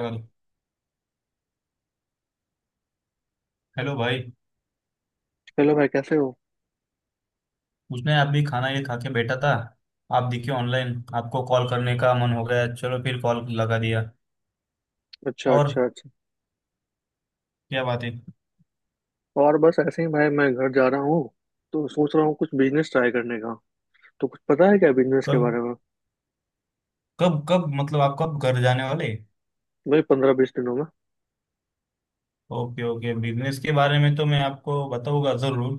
Hello भाई। Hello भाई, कैसे हो? उसने अभी खाना ये खा के बैठा था। आप दिखे ऑनलाइन, आपको कॉल करने का मन हो गया, चलो फिर कॉल लगा दिया। अच्छा, और अच्छा, अच्छा। क्या बात है। और बस ऐसे ही भाई, मैं घर जा रहा हूँ। तो सोच रहा हूँ कुछ बिजनेस ट्राई करने का। तो कुछ पता है क्या बिजनेस के कब बारे में? कब कब मतलब आप कब घर जाने वाले। भाई, 15-20 दिनों में। ओके ओके, बिजनेस के बारे में तो मैं आपको बताऊंगा जरूर।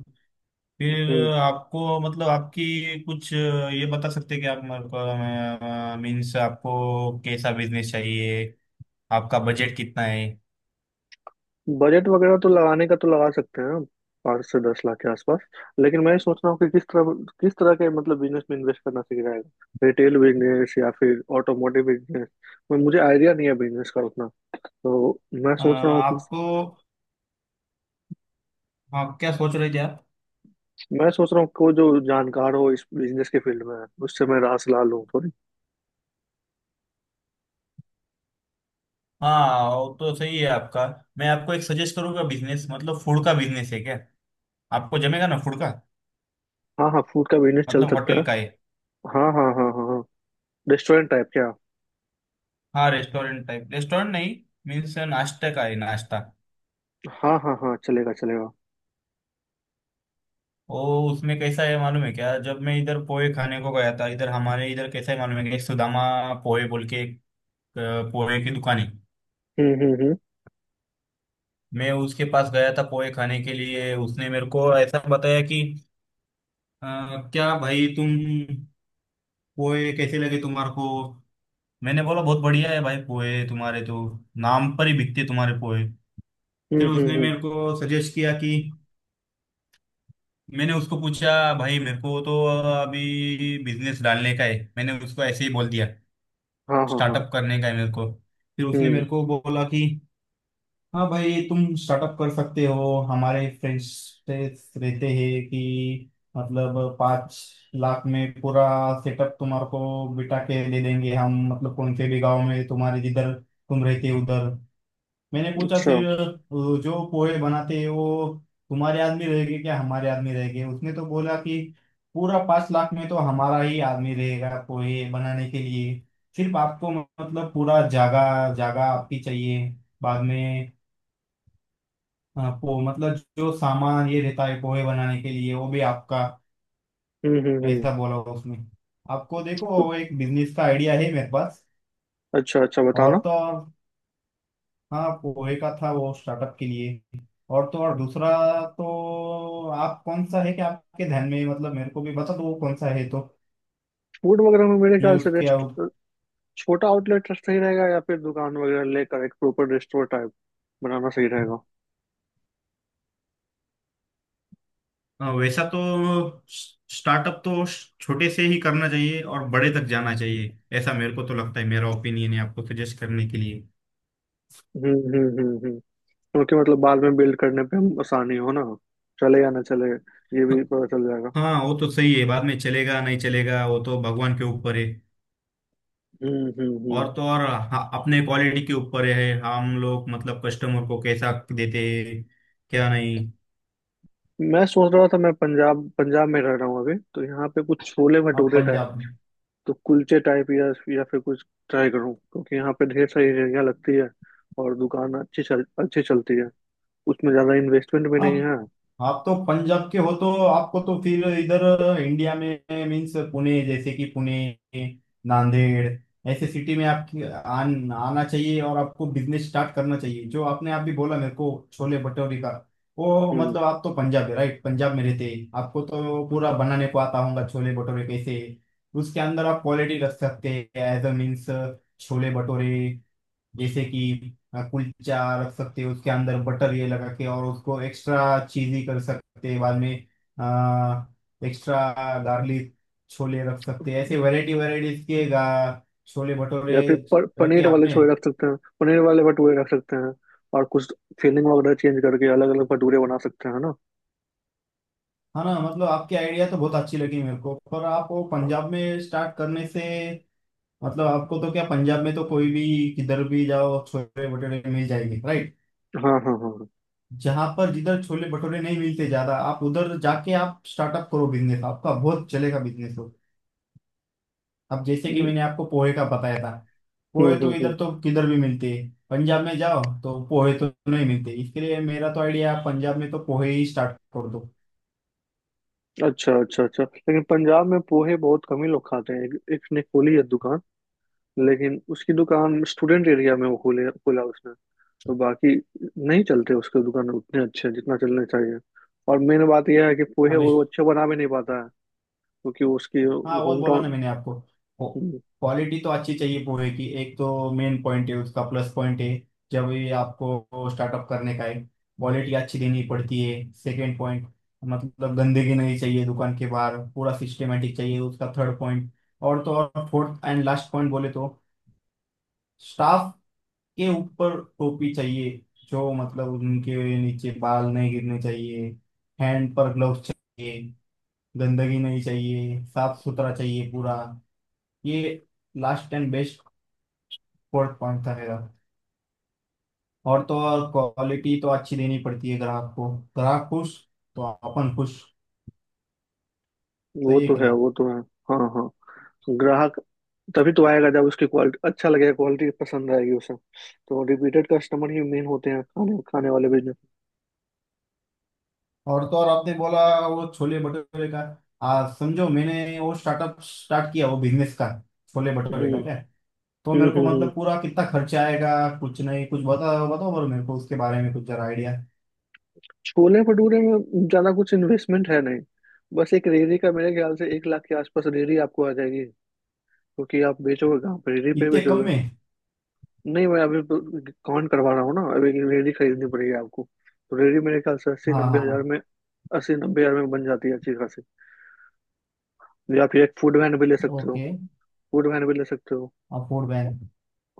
फिर हम्म। आपको मतलब आपकी कुछ ये बता सकते हैं कि आप मेरे को मीन्स आपको कैसा बिजनेस चाहिए, आपका बजट कितना है। बजट वगैरह तो लगाने का तो लगा सकते हैं। 5 से 10 लाख के आसपास। लेकिन मैं ये सोच रहा हूँ कि किस तरह के मतलब बिजनेस में इन्वेस्ट करना सीख जाएगा, रिटेल बिजनेस या फिर ऑटोमोटिव बिजनेस। मैं मुझे आइडिया नहीं है बिजनेस का उतना। तो मैं सोच रहा हूँ कि आपको आप क्या सोच रहे थे। मैं सोच रहा हूँ कोई जो जानकार हो इस बिजनेस के फील्ड में, उससे मैं राय सलाह लूँ। हाँ वो तो सही है आपका। मैं आपको एक सजेस्ट करूंगा, बिजनेस मतलब फूड का बिजनेस है क्या। आपको जमेगा ना फूड का। हाँ, हाँ, फूड का बिजनेस चल मतलब सकता होटल है। का है। हाँ, हाँ, हाँ, हाँ, हाँ। रेस्टोरेंट टाइप क्या? हाँ रेस्टोरेंट टाइप, रेस्टोरेंट नहीं। मीन्स नाश्ता का है, नाश्ता। हाँ, हाँ, हाँ, चलेगा, चलेगा। ओ उसमें कैसा है मालूम है क्या, जब मैं इधर पोहे खाने को गया था इधर, हमारे इधर कैसा है मालूम है क्या, एक सुदामा पोहे बोल के एक अ, पोहे की दुकान है। हम्म, हम्म, हम्म, मैं उसके पास गया था पोहे खाने के लिए, उसने मेरे को ऐसा बताया कि अ, क्या भाई तुम पोहे कैसे लगे तुम्हारे को। मैंने बोला बहुत बढ़िया है भाई, पोहे तुम्हारे तो नाम पर ही बिकते तुम्हारे पोहे। हम्म, फिर हम्म, उसने मेरे को सजेस्ट किया कि, मैंने उसको पूछा भाई मेरे को तो अभी बिजनेस डालने का है, मैंने उसको ऐसे ही बोल दिया हाँ, हाँ, हाँ, स्टार्टअप करने का है मेरे को। फिर उसने हम्म, मेरे को बोला कि हाँ भाई तुम स्टार्टअप कर सकते हो, हमारे फ्रेंड्स रहते हैं कि मतलब 5 लाख में पूरा सेटअप तुम्हारे को बिठा के दे देंगे हम, मतलब कौन से भी गांव में तुम्हारे जिधर तुम रहते हो उधर। मैंने पूछा अच्छा, फिर जो पोहे बनाते हैं वो तुम्हारे आदमी रहेंगे क्या हमारे आदमी रहेंगे, उसने तो बोला कि पूरा 5 लाख में तो हमारा ही आदमी रहेगा पोहे बनाने के लिए, सिर्फ आपको मतलब पूरा जगह जगह आपकी चाहिए। बाद में अ, पो मतलब जो सामान ये रहता है पोहे बनाने के लिए वो भी आपका, हम्म, हम्म, हम्म। ऐसा बोला उसने। आपको देखो तो- वो एक बिजनेस का आइडिया है मेरे पास। अच्छा, अच्छा, और बताना। तो और हाँ, पोहे का था वो स्टार्टअप के लिए। और तो और दूसरा, तो आप कौन सा है कि आपके ध्यान में मतलब मेरे को भी बता दो वो कौन सा है तो। फूड वगैरह में मेरे मैं ख्याल से उसके रेस्ट अब- छोटा आउटलेट सही रहेगा, या फिर दुकान वगैरह लेकर एक प्रॉपर रेस्टोरेंट टाइप बनाना सही रहेगा। हाँ, वैसा तो स्टार्टअप तो छोटे से ही करना चाहिए और बड़े तक जाना चाहिए, ऐसा मेरे को तो लगता है, मेरा ओपिनियन है आपको सजेस्ट करने के लिए। हम्म, हम्म, हम्म, हम्म। क्योंकि मतलब बाद में बिल्ड करने पे हम आसानी हो ना, चले या ना चले, ये भी पता चल जाएगा। हाँ वो तो सही है, बाद में चलेगा नहीं चलेगा वो तो भगवान के ऊपर है। हम्म, हम्म, हम्म। और तो और हाँ, अपने क्वालिटी के ऊपर है, हम लोग मतलब कस्टमर को कैसा देते हैं क्या नहीं। मैं सोच रहा था, मैं पंजाब पंजाब में रह रहा हूँ अभी। तो यहाँ पे कुछ छोले आप भटूरे टाइप, पंजाब में, तो कुलचे टाइप, या फिर कुछ ट्राई करूँ, क्योंकि यहाँ पे ढेर सारी रेहड़ियाँ लगती है और दुकान अच्छी चलती है। उसमें ज़्यादा इन्वेस्टमेंट भी नहीं आप है। आप तो पंजाब के हो, तो आपको तो फिर इधर इंडिया में मीन्स पुणे जैसे कि पुणे, नांदेड़, ऐसे सिटी में आपकी आना चाहिए और आपको बिजनेस स्टार्ट करना चाहिए। जो आपने आप भी बोला मेरे को छोले भटूरे का, वो हम्म। मतलब आप तो पंजाब है राइट, पंजाब में रहते हैं आपको तो पूरा बनाने को आता होगा छोले भटूरे कैसे। उसके अंदर आप क्वालिटी रख सकते हैं as uh means, chole bhature जैसे कि कुलचा रख सकते हो उसके अंदर बटर ये लगा के, और उसको एक्स्ट्रा चीजी कर सकते हैं बाद में, एक्स्ट्रा गार्लिक छोले रख सकते हैं, ऐसे वैरायटी वैरायटीज के छोले भटूरे या फिर रखे पनीर वाले आपने। छोले रख सकते हैं, पनीर वाले भटूरे रख सकते हैं, और कुछ फिलिंग वगैरह चेंज करके अलग अलग भटूरे बना सकते हैं ना। हाँ ना, मतलब आपकी आइडिया तो बहुत अच्छी लगी मेरे को, पर आप वो पंजाब में स्टार्ट करने से मतलब आपको तो क्या, पंजाब में तो कोई भी किधर भी जाओ छोले भटूरे मिल जाएंगे राइट। हाँ, हाँ, हाँ, हाँ। जहां पर जिधर छोले भटूरे नहीं मिलते ज्यादा, आप उधर जाके आप स्टार्टअप करो बिजनेस आपका बहुत चलेगा बिजनेस। हो अब जैसे कि हम्म, मैंने आपको पोहे का बताया था, हम्म, पोहे तो इधर तो किधर भी मिलते हैं, पंजाब में जाओ तो पोहे तो नहीं मिलते, इसके लिए मेरा तो आइडिया आप पंजाब में तो पोहे ही स्टार्ट कर दो। अच्छा, अच्छा, अच्छा। लेकिन पंजाब में पोहे बहुत कम ही लोग खाते हैं। एक ने खोली है दुकान, लेकिन उसकी दुकान स्टूडेंट एरिया में वो खोले खोला उसने। तो बाकी नहीं चलते उसके दुकान उतने अच्छे जितना चलने चाहिए। और मेन बात यह है कि पोहे आप वो अच्छे बना भी नहीं पाता है, क्योंकि उसकी हाँ वो होम बोला ना टाउन। मैंने आपको, क्वालिटी तो अच्छी चाहिए पोहे की, एक तो मेन पॉइंट है उसका, प्लस पॉइंट है। जब ये आपको स्टार्टअप करने का है क्वालिटी अच्छी देनी पड़ती है, सेकंड पॉइंट मतलब गंदगी नहीं चाहिए दुकान के बाहर, पूरा सिस्टमेटिक चाहिए उसका, थर्ड पॉइंट। और तो और फोर्थ एंड लास्ट पॉइंट बोले तो स्टाफ के ऊपर टोपी चाहिए जो मतलब उनके नीचे बाल नहीं गिरने चाहिए, हैंड पर ग्लव्स चाहिए, गंदगी नहीं चाहिए, साफ सुथरा चाहिए पूरा, ये last and best fourth point था मेरा। और तो और क्वालिटी तो अच्छी देनी पड़ती है ग्राहक को, ग्राहक खुश तो अपन खुश। वो सही है तो कि है, नहीं। वो तो है। हाँ, हाँ। ग्राहक तभी तो आएगा जब उसकी क्वालिटी अच्छा लगेगा, क्वालिटी पसंद आएगी उसे। तो रिपीटेड कस्टमर ही मेन होते हैं खाने खाने वाले बिजनेस। और तो और आपने बोला वो छोले भटूरे का, समझो मैंने वो स्टार्टअप स्टार्ट किया, वो बिजनेस का छोले भटूरे हम्म, का क्या, तो हम्म, मेरे को हम्म, मतलब पूरा कितना खर्चा आएगा, कुछ नहीं कुछ बताओ बताओ, और मेरे को उसके बारे में कुछ जरा आइडिया। छोले भटूरे में ज्यादा कुछ इन्वेस्टमेंट है नहीं। बस एक रेहड़ी का, मेरे ख्याल से 1 लाख के आसपास रेहड़ी आपको आ जाएगी, क्योंकि आप बेचोगे कहाँ पर? रेहड़ी पे ही इतने कम बेचोगे। में। नहीं, मैं अभी तो काउंट करवा रहा हूँ ना। अभी एक रेहड़ी खरीदनी पड़ेगी आपको। तो रेहड़ी मेरे ख्याल से अस्सी हाँ नब्बे हाँ हजार हाँ। में, 80-90 हजार में बन जाती है अच्छी खासी। या फिर एक फूड वैन भी ले सकते हो। ओके। फूड वैन भी ले सकते हो। और फूड बैंक।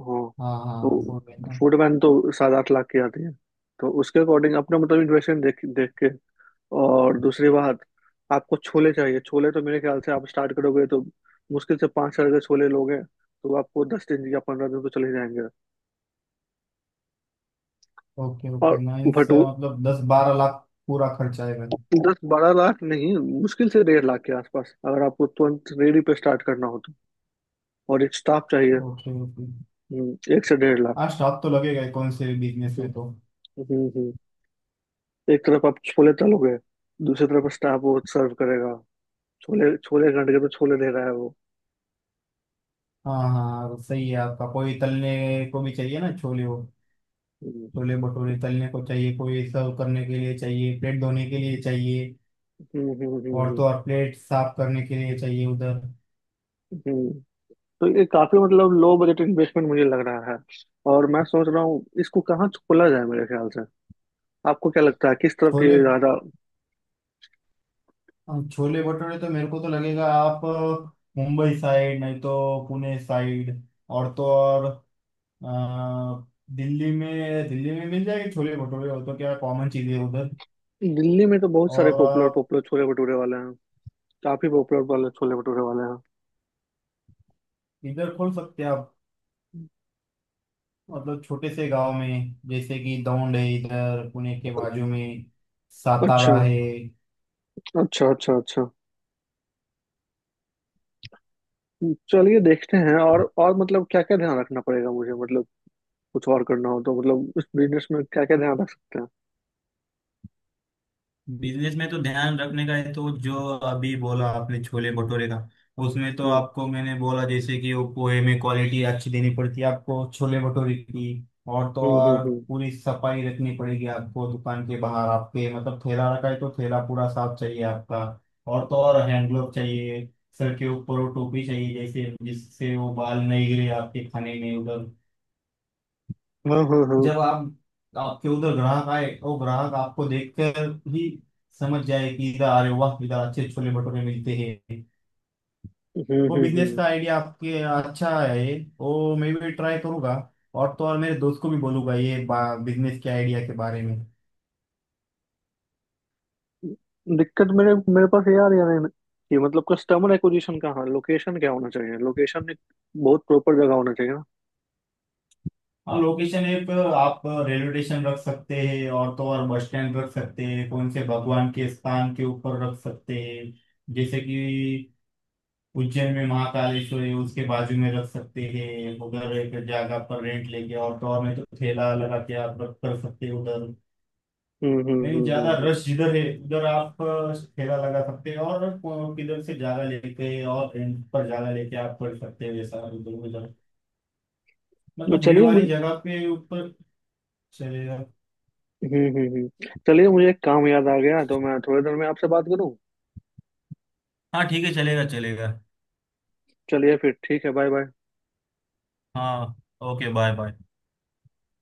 हाँ। हाँ हाँ फूड तो बैंक। फूड वैन तो 7-8 लाख की आती है। तो उसके अकॉर्डिंग अपना मतलब इन्वेस्टमेंट देख देख के। और दूसरी बात, आपको छोले चाहिए। छोले तो मेरे ख्याल से आप स्टार्ट करोगे तो मुश्किल से 5 हजार के छोले लोगे तो आपको 10 दिन या 15 दिन तो चले जाएंगे। ओके ओके और नाइस, भटू मतलब 10-12 लाख पूरा खर्च आएगा। 10-12 लाख नहीं, मुश्किल से 1.5 लाख के आसपास, अगर आपको तुरंत रेडी पे स्टार्ट करना हो तो। और एक स्टाफ चाहिए। Okay okay. 1 से 1.5 लाख। हाँ स्टाफ तो लगेगा ही कौन से बिजनेस हम्म, में तो। हम्म। एक तरफ आप छोले तलोगे, दूसरी तरफ स्टाफ वो सर्व करेगा। छोले छोले घंटे के तो छोले दे रहा है वो। हाँ हाँ हाँ, सही है आपका, कोई तलने को भी चाहिए ना छोले हो। हम्म, छोले भटूरे तलने को चाहिए, कोई सर्व करने के लिए चाहिए, प्लेट धोने के लिए चाहिए। हम्म, हम्म, और तो हम्म, और प्लेट साफ करने के लिए चाहिए उधर। हम्म, हम्म। तो ये काफी मतलब लो बजट इन्वेस्टमेंट मुझे लग रहा है। और मैं सोच रहा हूँ इसको कहाँ खोला जाए? मेरे ख्याल से आपको क्या लगता है किस तरफ ये छोले ज्यादा? छोले भटूरे तो मेरे को तो लगेगा आप मुंबई साइड नहीं तो पुणे साइड। और तो और अ, दिल्ली में मिल जाएगी छोले भटूरे, और तो क्या कॉमन चीज़ है उधर। दिल्ली में तो बहुत सारे और पॉपुलर आप पॉपुलर छोले भटूरे वाले हैं। काफी पॉपुलर वाले छोले भटूरे वाले इधर खोल सकते हैं आप, हैं। मतलब छोटे से गांव में जैसे कि दौंड है इधर पुणे के बाजू में, अच्छा, सातारा है। अच्छा, अच्छा, अच्छा। चलिए देखते हैं। और मतलब क्या क्या ध्यान रखना पड़ेगा मुझे, मतलब कुछ और करना हो तो, मतलब इस बिजनेस में क्या क्या ध्यान रख सकते हैं? बिजनेस में तो ध्यान रखने का है तो जो अभी बोला आपने छोले भटूरे का, उसमें तो हम्म, आपको मैंने बोला जैसे कि वो पोहे में क्वालिटी अच्छी देनी पड़ती है आपको छोले भटूरे की। और तो हम्म, हम्म, और पूरी सफाई रखनी पड़ेगी आपको, दुकान के बाहर आपके मतलब ठेला रखा है तो ठेला पूरा साफ चाहिए आपका। और तो और हैंड ग्लोव चाहिए, सर के ऊपर वो टोपी चाहिए जैसे, जिससे वो बाल नहीं गिरे आपके खाने में उधर। हाँ, हाँ, हाँ, जब आप आपके उधर ग्राहक आए, तो ग्राहक आपको देखकर ही समझ जाए कि इधर, अरे वाह इधर अच्छे छोले भटूरे मिलते हैं। हम्म, वो हम्म, बिजनेस हम्म। का आइडिया आपके अच्छा है, वो मैं भी ट्राई करूंगा, और तो और मेरे दोस्त को भी बोलूंगा ये बिजनेस के आइडिया के बारे में। दिक्कत मेरे मेरे पास ये आ रही है ना कि मतलब कस्टमर एक्विजिशन कहाँ, लोकेशन क्या होना चाहिए, लोकेशन एक बहुत प्रॉपर जगह होना चाहिए ना। हाँ लोकेशन ऐप आप रेलवे स्टेशन रख सकते हैं, और तो और बस स्टैंड रख सकते हैं, कौन से भगवान के स्थान के ऊपर रख सकते हैं जैसे कि उज्जैन में महाकालेश्वरी, उसके बाजू में रख सकते हैं उधर एक जगह पर रेंट लेके, और तो और नहीं तो ठेला लगा के आप रख कर सकते हैं उधर। हम्म, हम्म, नहीं, हम्म, ज्यादा हम्म, रश जिधर है उधर आप ठेला लगा सकते हैं, और किधर से जगह लेके और रेंट पर जगह लेके आप कर सकते हैं वैसा उधर उधर, तो मतलब भीड़ चलिए वाली मुझे जगह पे ऊपर। चलेगा। हम्म, हम्म, हम्म। चलिए, मुझे एक काम याद आ गया, तो मैं थोड़ी देर में आपसे बात करूँ। हाँ ठीक है, चलेगा चलेगा। चलिए फिर ठीक है, बाय बाय। हाँ ओके, बाय बाय।